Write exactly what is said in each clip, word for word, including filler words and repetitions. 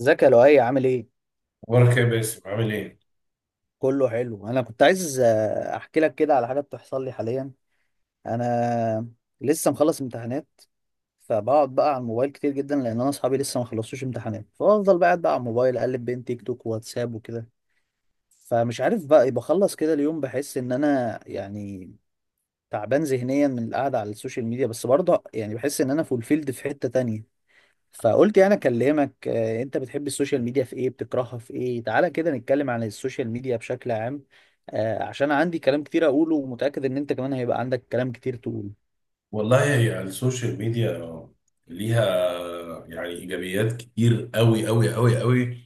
ازيك يا لؤي؟ عامل ايه؟ اخبارك يا باسم، عامل ايه؟ كله حلو. انا كنت عايز آه، احكي لك كده على حاجه بتحصل لي حاليا. انا لسه مخلص امتحانات، فبقعد بقى على الموبايل كتير جدا لان انا اصحابي لسه ما خلصوش امتحانات، فافضل بقى قاعد بقى على الموبايل اقلب بين تيك توك وواتساب وكده. فمش عارف بقى بخلص كده اليوم بحس ان انا يعني تعبان ذهنيا من القعده على السوشيال ميديا، بس برضه يعني بحس ان انا فولفيلد في حته تانية. فقلت يعني اكلمك. آه، انت بتحب السوشيال ميديا في ايه؟ بتكرهها في ايه؟ تعالى كده نتكلم عن السوشيال ميديا بشكل عام، آه، عشان عندي كلام كتير اقوله ومتأكد ان انت كمان هيبقى عندك كلام كتير تقوله. والله هي السوشيال ميديا ليها يعني ايجابيات كتير قوي قوي قوي قوي،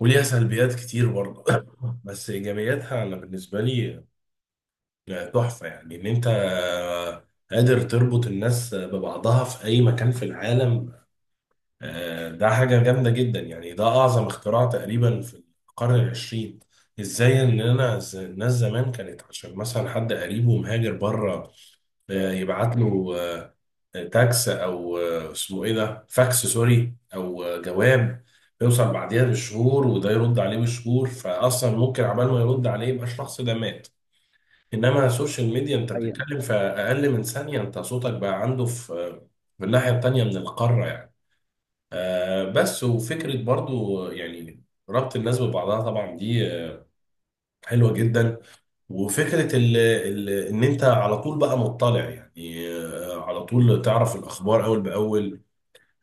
وليها سلبيات كتير برضه. بس ايجابياتها انا بالنسبه لي تحفه، يعني ان انت قادر تربط الناس ببعضها في اي مكان في العالم. آه، ده حاجه جامده جدا، يعني ده اعظم اختراع تقريبا في القرن العشرين. ازاي ان انا ز- الناس زمان كانت، عشان مثلا حد قريبه مهاجر بره، آه، يبعت له آه، تاكس، او آه، اسمه ايه ده، فاكس، سوري، او آه، جواب، بيوصل بعديها بشهور، وده يرد عليه بشهور، فاصلا ممكن عبال ما يرد عليه يبقى الشخص ده مات. انما السوشيال ميديا دي انت حقيقة. بتتكلم في اقل من ثانيه، انت صوتك بقى عنده في آه، في الناحيه التانيه من القاره يعني. آه، بس وفكره برضو آه، يعني ربط الناس ببعضها، طبعا دي آه، حلوه جدا. وفكره ال ال ان انت على طول بقى مطلع، يعني آه، على طول تعرف الاخبار اول باول.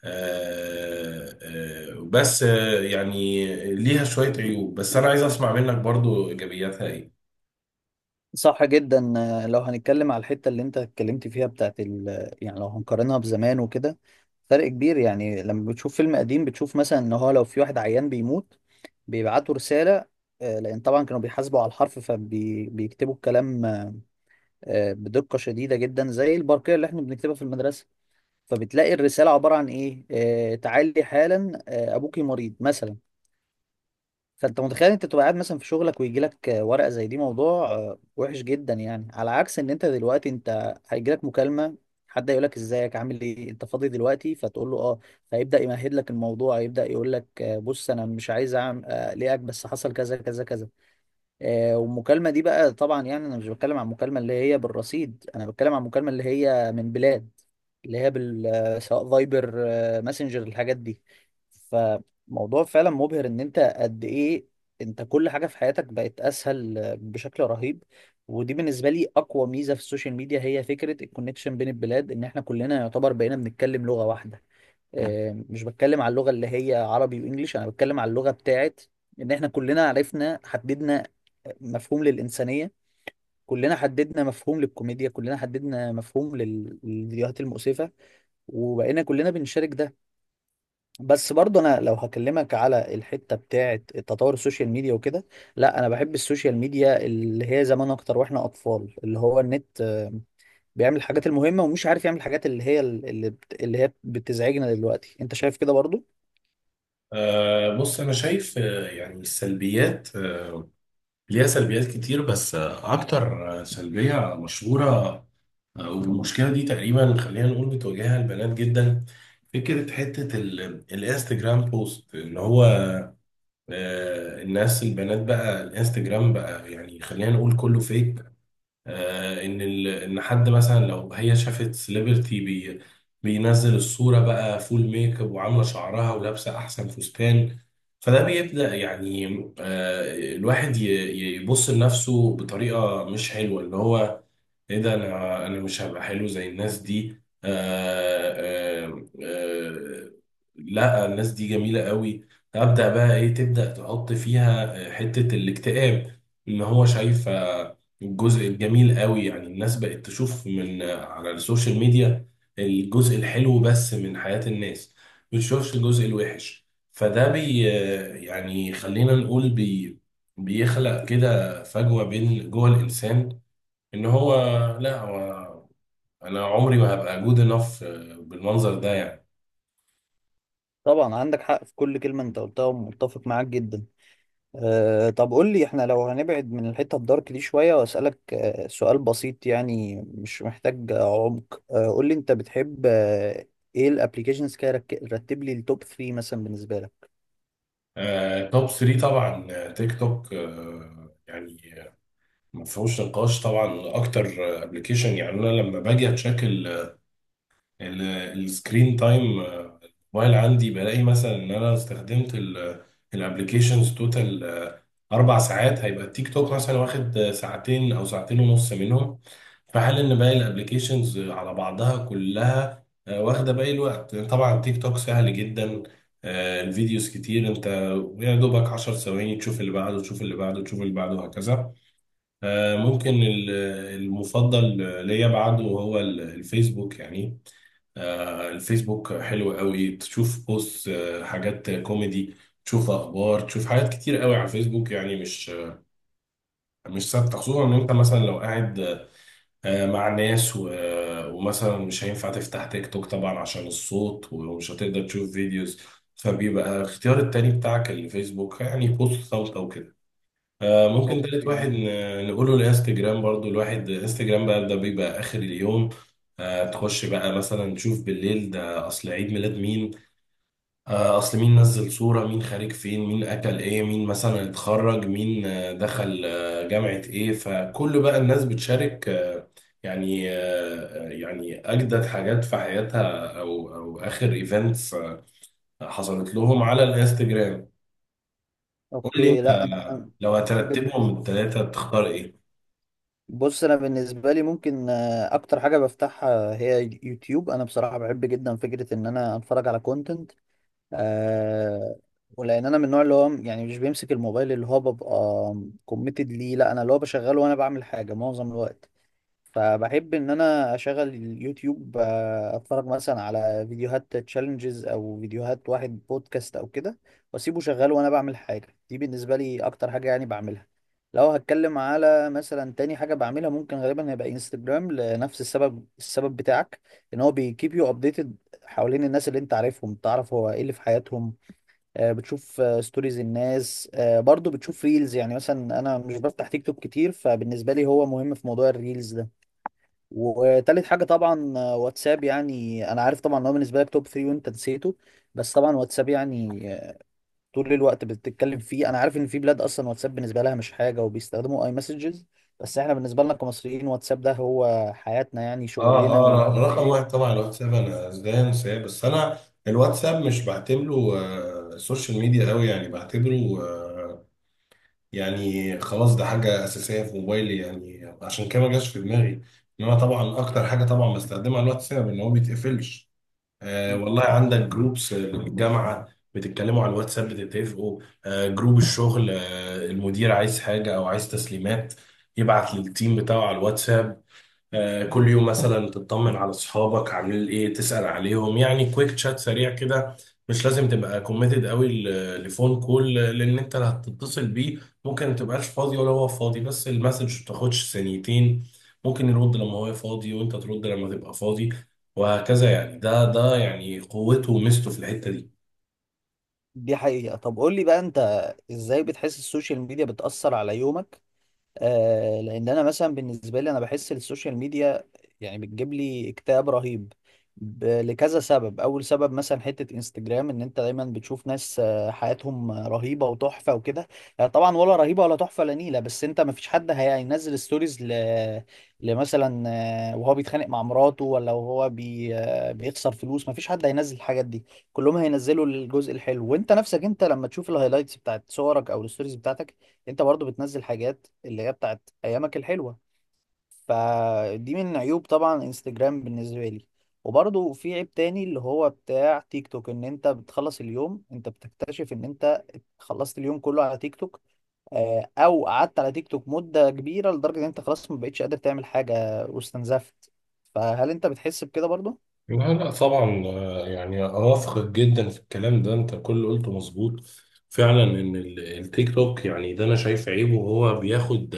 آه، آه، بس آه، يعني ليها شوية عيوب، بس أنا عايز أسمع منك برضو، إيجابياتها إيه؟ صح جدا. آه، لو هنتكلم على الحتة اللي انت اتكلمت فيها بتاعت ال... يعني لو هنقارنها بزمان وكده، فرق كبير. يعني لما بتشوف فيلم قديم بتشوف مثلا ان هو لو في واحد عيان بيموت، بيبعتوا رسالة. آه، لان طبعا كانوا بيحاسبوا على الحرف، فبيكتبوا الكلام آه، بدقة شديدة جدا زي البرقية اللي احنا بنكتبها في المدرسة. فبتلاقي الرسالة عبارة عن ايه؟ آه، تعالي حالا، آه، ابوكي مريض مثلا. فانت متخيل انت تبقى قاعد مثلا في شغلك ويجي لك ورقة زي دي، موضوع آه، وحش جدا، يعني على عكس ان انت دلوقتي انت هيجي لك مكالمة، حد يقول لك ازيك؟ عامل ايه؟ انت فاضي دلوقتي؟ فتقول له اه، فيبدأ يمهد لك الموضوع، يبدأ يقول لك آه، بص انا مش عايز اعمل آه، اقلقك، بس حصل كذا كذا كذا. آه، والمكالمة دي بقى طبعا يعني أنا مش بتكلم عن المكالمة اللي هي بالرصيد، أنا بتكلم عن المكالمة اللي هي من بلاد، اللي هي بال آه، سواء فايبر، آه، ماسنجر، الحاجات دي. فموضوع فعلا مبهر إن أنت قد إيه أنت كل حاجة في حياتك بقت أسهل آه، بشكل رهيب. ودي بالنسبة لي أقوى ميزة في السوشيال ميديا، هي فكرة الكونكشن بين البلاد، إن إحنا كلنا يعتبر بقينا بنتكلم لغة واحدة. آه، مش بتكلم على اللغة اللي هي عربي وانجليش، انا بتكلم على اللغة بتاعت ان احنا كلنا عرفنا، حددنا مفهوم للإنسانية، كلنا حددنا مفهوم للكوميديا، كلنا حددنا مفهوم لل- للفيديوهات المؤسفة، وبقينا كلنا بنشارك ده. بس برضه انا لو هكلمك على الحتة بتاعت تطور السوشيال ميديا وكده، لا انا بحب السوشيال ميديا اللي هي زمان اكتر، واحنا اطفال اللي هو النت آه، بيعمل الحاجات المهمة ومش عارف يعمل الحاجات اللي هي اللي بت- اللي هي بتزعجنا دلوقتي. انت شايف كده برضه؟ آه، بص أنا شايف آه، يعني السلبيات، آه، ليها سلبيات كتير، بس آه، أكتر آه، سلبية مشهورة، آه، والمشكلة دي تقريبا خلينا نقول بتواجهها البنات جدا. فكرة حتة ال- الانستجرام بوست اللي هو آه، الناس البنات بقى الانستجرام بقى، يعني خلينا نقول كله فيك، آه، ان ال... ان حد مثلا لو هي شافت سليبرتي بي... بينزل الصوره بقى فول ميك اب، وعامله شعرها، ولابسه احسن فستان. فده بيبدا يعني آه، الواحد ي... يبص لنفسه بطريقه مش حلوه، اللي هو ايه ده، انا انا مش هبقى حلو زي الناس دي. آه آه آه لا الناس دي جميلة قوي. ابدا بقى ايه، تبدا تحط فيها آه، حتة الاكتئاب، ان هو شايف الجزء الجميل قوي. يعني الناس بقت تشوف من آه، على السوشيال ميديا الجزء الحلو بس من حياة الناس، ما بتشوفش الجزء الوحش. فده بي آه، يعني خلينا نقول بي بيخلق كده فجوة بين جوه الإنسان، ان هو لا هو انا عمري ما هبقى جود انف بالمنظر ده يعني. طبعا عندك حق في كل كلمة انت قلتها ومتفق معاك جدا. أه طب قول لي، احنا لو هنبعد من الحتة الدارك دي شوية، واسألك أه سؤال بسيط يعني مش محتاج آه، عمق، أه قول لي انت بتحب أه ايه الابليكيشنز كده؟ رك- رتب لي التوب ثلاثة مثلا بالنسبة لك. آه، توب تري طبعا، آه، تيك توك، آه، يعني ما فيهوش نقاش طبعا، اكتر ابلكيشن. يعني انا لما باجي اتشيك السكرين تايم الموبايل عندي بلاقي مثلا ان انا استخدمت الابلكيشنز توتال اربع ساعات، هيبقى التيك توك مثلا واخد ساعتين او ساعتين ونص منهم، في حال ان باقي الابليكيشنز على بعضها كلها آه، واخده باقي الوقت. طبعا تيك توك سهل جدا، آه، الفيديوز كتير، انت يا دوبك 10 ثواني تشوف اللي بعده، تشوف اللي بعده، تشوف اللي بعده، وهكذا. آه، ممكن ال- المفضل ليا بعده هو ال- الفيسبوك. يعني آه، الفيسبوك حلو قوي، تشوف بوست آه، حاجات كوميدي، تشوف اخبار، تشوف حاجات كتير قوي على الفيسبوك، يعني مش مش ثابته. خصوصا ان انت مثلا لو قاعد آه، مع ناس و... ومثلا مش هينفع تفتح تيك توك طبعا عشان الصوت، ومش هتقدر تشوف فيديوز، فبيبقى الاختيار التاني بتاعك الفيسبوك، يعني بوست صوت او كده. آه، ممكن تالت واحد اوكي. ن- نقوله الانستجرام برضو. الواحد انستجرام بقى ده بيبقى اخر اليوم، آه، تخش بقى مثلا تشوف بالليل، ده اصل عيد ميلاد مين، آه، اصل مين نزل صورة، مين خارج فين، مين اكل ايه، مين مثلا اتخرج، مين آه، دخل آه، جامعة ايه. فكل بقى الناس بتشارك آه، يعني آه، يعني اجدد حاجات في حياتها، او او اخر ايفنتس حصلت لهم على الانستجرام. قول لي اوكي. انت لا انا آه، لو هترتبهم بالنس- من الثلاثة تختار ايه؟ بص انا بالنسبه لي ممكن آه، اكتر حاجه بفتحها هي يوتيوب. انا بصراحه بحب جدا فكره ان انا اتفرج على كونتنت. آه، ولان انا من النوع اللي هو يعني مش بيمسك الموبايل، اللي هو ببقى كوميتد ليه، لا انا اللي هو بشغله وانا بعمل حاجه معظم الوقت. فبحب ان انا اشغل اليوتيوب، آه، اتفرج مثلا على فيديوهات تشالنجز او فيديوهات واحد بودكاست او كده واسيبه شغال وانا بعمل حاجه. دي بالنسبه لي اكتر حاجه يعني بعملها. لو هتكلم على مثلا تاني حاجه بعملها، ممكن غالبا هيبقى انستجرام لنفس السبب، السبب بتاعك، ان هو بيكيب يو ابديتد حوالين الناس اللي انت عارفهم، تعرف هو ايه اللي في حياتهم. آه، بتشوف ستوريز الناس، آه، برضو بتشوف ريلز، يعني مثلا انا مش بفتح تيك توك كتير، فبالنسبه لي هو مهم في موضوع الريلز ده. وتالت حاجة طبعا آه، واتساب. يعني أنا عارف طبعا إن هو بالنسبة لك توب ثلاثة وأنت نسيته، بس طبعا واتساب يعني آه، طول الوقت بتتكلم فيه. أنا عارف إن في بلاد أصلا واتساب بالنسبة لها مش حاجة وبيستخدموا أي مسجز، بس إحنا بالنسبة لنا كمصريين واتساب ده هو حياتنا، يعني اه، شغلنا و... اه، ر- رقم واحد طبعا الواتساب، انا ازاي انساه. بس انا الواتساب مش بعتبره آه، سوشيال ميديا قوي، يعني بعتبره يعني خلاص ده حاجة أساسية في موبايلي، يعني عشان كده ما جاش في دماغي. إنما طبعا أكتر حاجة طبعا بستخدمها الواتساب، إن هو ما بيتقفلش. آه والله عندك جروبس الجامعة بتتكلموا على الواتساب، بتتفقوا، آه جروب الشغل، آه المدير عايز حاجة أو عايز تسليمات يبعت للتيم بتاعه على الواتساب. آه، كل يوم مثلا تطمن على اصحابك عاملين ايه، تسأل عليهم، يعني كويك شات سريع كده، مش لازم تبقى كوميتد قوي ل- لفون كول، لان انت اللي هتتصل بيه ممكن ما تبقاش فاضي ولا هو فاضي، بس المسج ما بتاخدش ثانيتين، ممكن يرد لما هو فاضي، وانت ترد لما تبقى فاضي، وهكذا. يعني ده ده يعني قوته وميزته في الحتة دي. دي حقيقة. طب قول لي بقى أنت إزاي بتحس السوشيال ميديا بتأثر على يومك؟ آه لان انا مثلا بالنسبه لي انا بحس السوشيال ميديا يعني بتجيب لي اكتئاب رهيب ب- لكذا سبب. اول سبب مثلا حته انستجرام ان انت دايما بتشوف ناس آه، حياتهم رهيبه وتحفه وكده. آه، طبعا ولا رهيبه ولا تحفه، لا نيله، بس انت ما فيش حد هينزل ستوريز ل... لمثلا آه، وهو بيتخانق مع مراته، ولا وهو بي... آه، بيخسر فلوس. ما فيش حد هينزل الحاجات دي، كلهم هينزلوا الجزء الحلو. وانت نفسك انت لما تشوف الهايلايتس بتاعت صورك او الستوريز بتاعتك، انت برضو بتنزل حاجات اللي هي بتاعت ايامك الحلوة. فدي من عيوب طبعا انستجرام بالنسبة لي. وبرضو في عيب تاني اللي هو بتاع تيك توك، ان انت بتخلص اليوم انت بتكتشف ان انت خلصت اليوم كله على تيك توك، آه، او قعدت على تيك توك مدة كبيرة لدرجة ان انت خلاص ما بقتش قادر تعمل حاجة واستنزفت. فهل انت بتحس بكده برضو؟ لا، لا، طبعا آه، يعني اوافقك جدا في الكلام ده، انت كل اللي قلته مظبوط. فعلا ان ال- التيك توك، يعني ده انا شايف عيبه هو بياخد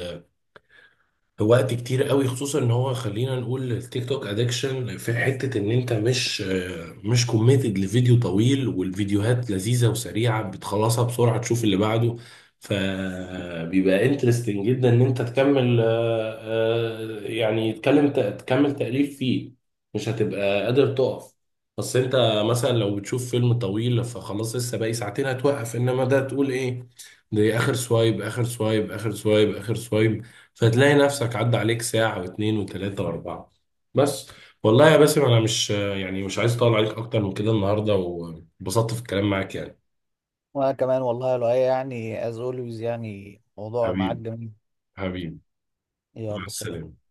وقت كتير قوي، خصوصا ان هو خلينا نقول التيك توك ادكشن في حتة ان انت مش آه، مش كوميتد لفيديو طويل، والفيديوهات لذيذة وسريعة بتخلصها بسرعة، تشوف اللي بعده، فبيبقى انترستنج جدا ان انت تكمل آه، آه، يعني تكلم تكمل تأليف فيه، مش هتبقى قادر تقف. بس انت مثلا لو بتشوف فيلم طويل فخلاص لسه باقي ساعتين هتوقف، انما ده تقول ايه، ده اخر سوايب، اخر سوايب، اخر سوايب، اخر سوايب، فتلاقي نفسك عدى عليك ساعة واتنين وتلاتة وأربعة. بس والله يا باسم أنا مش يعني مش عايز أطول عليك أكتر من كده النهاردة، وانبسطت في الكلام معاك يعني. وانا كمان والله، لو يعني از اولويز يعني موضوع معاك حبيبي، جميل. حبيبي، مع يلا سلام. السلامة.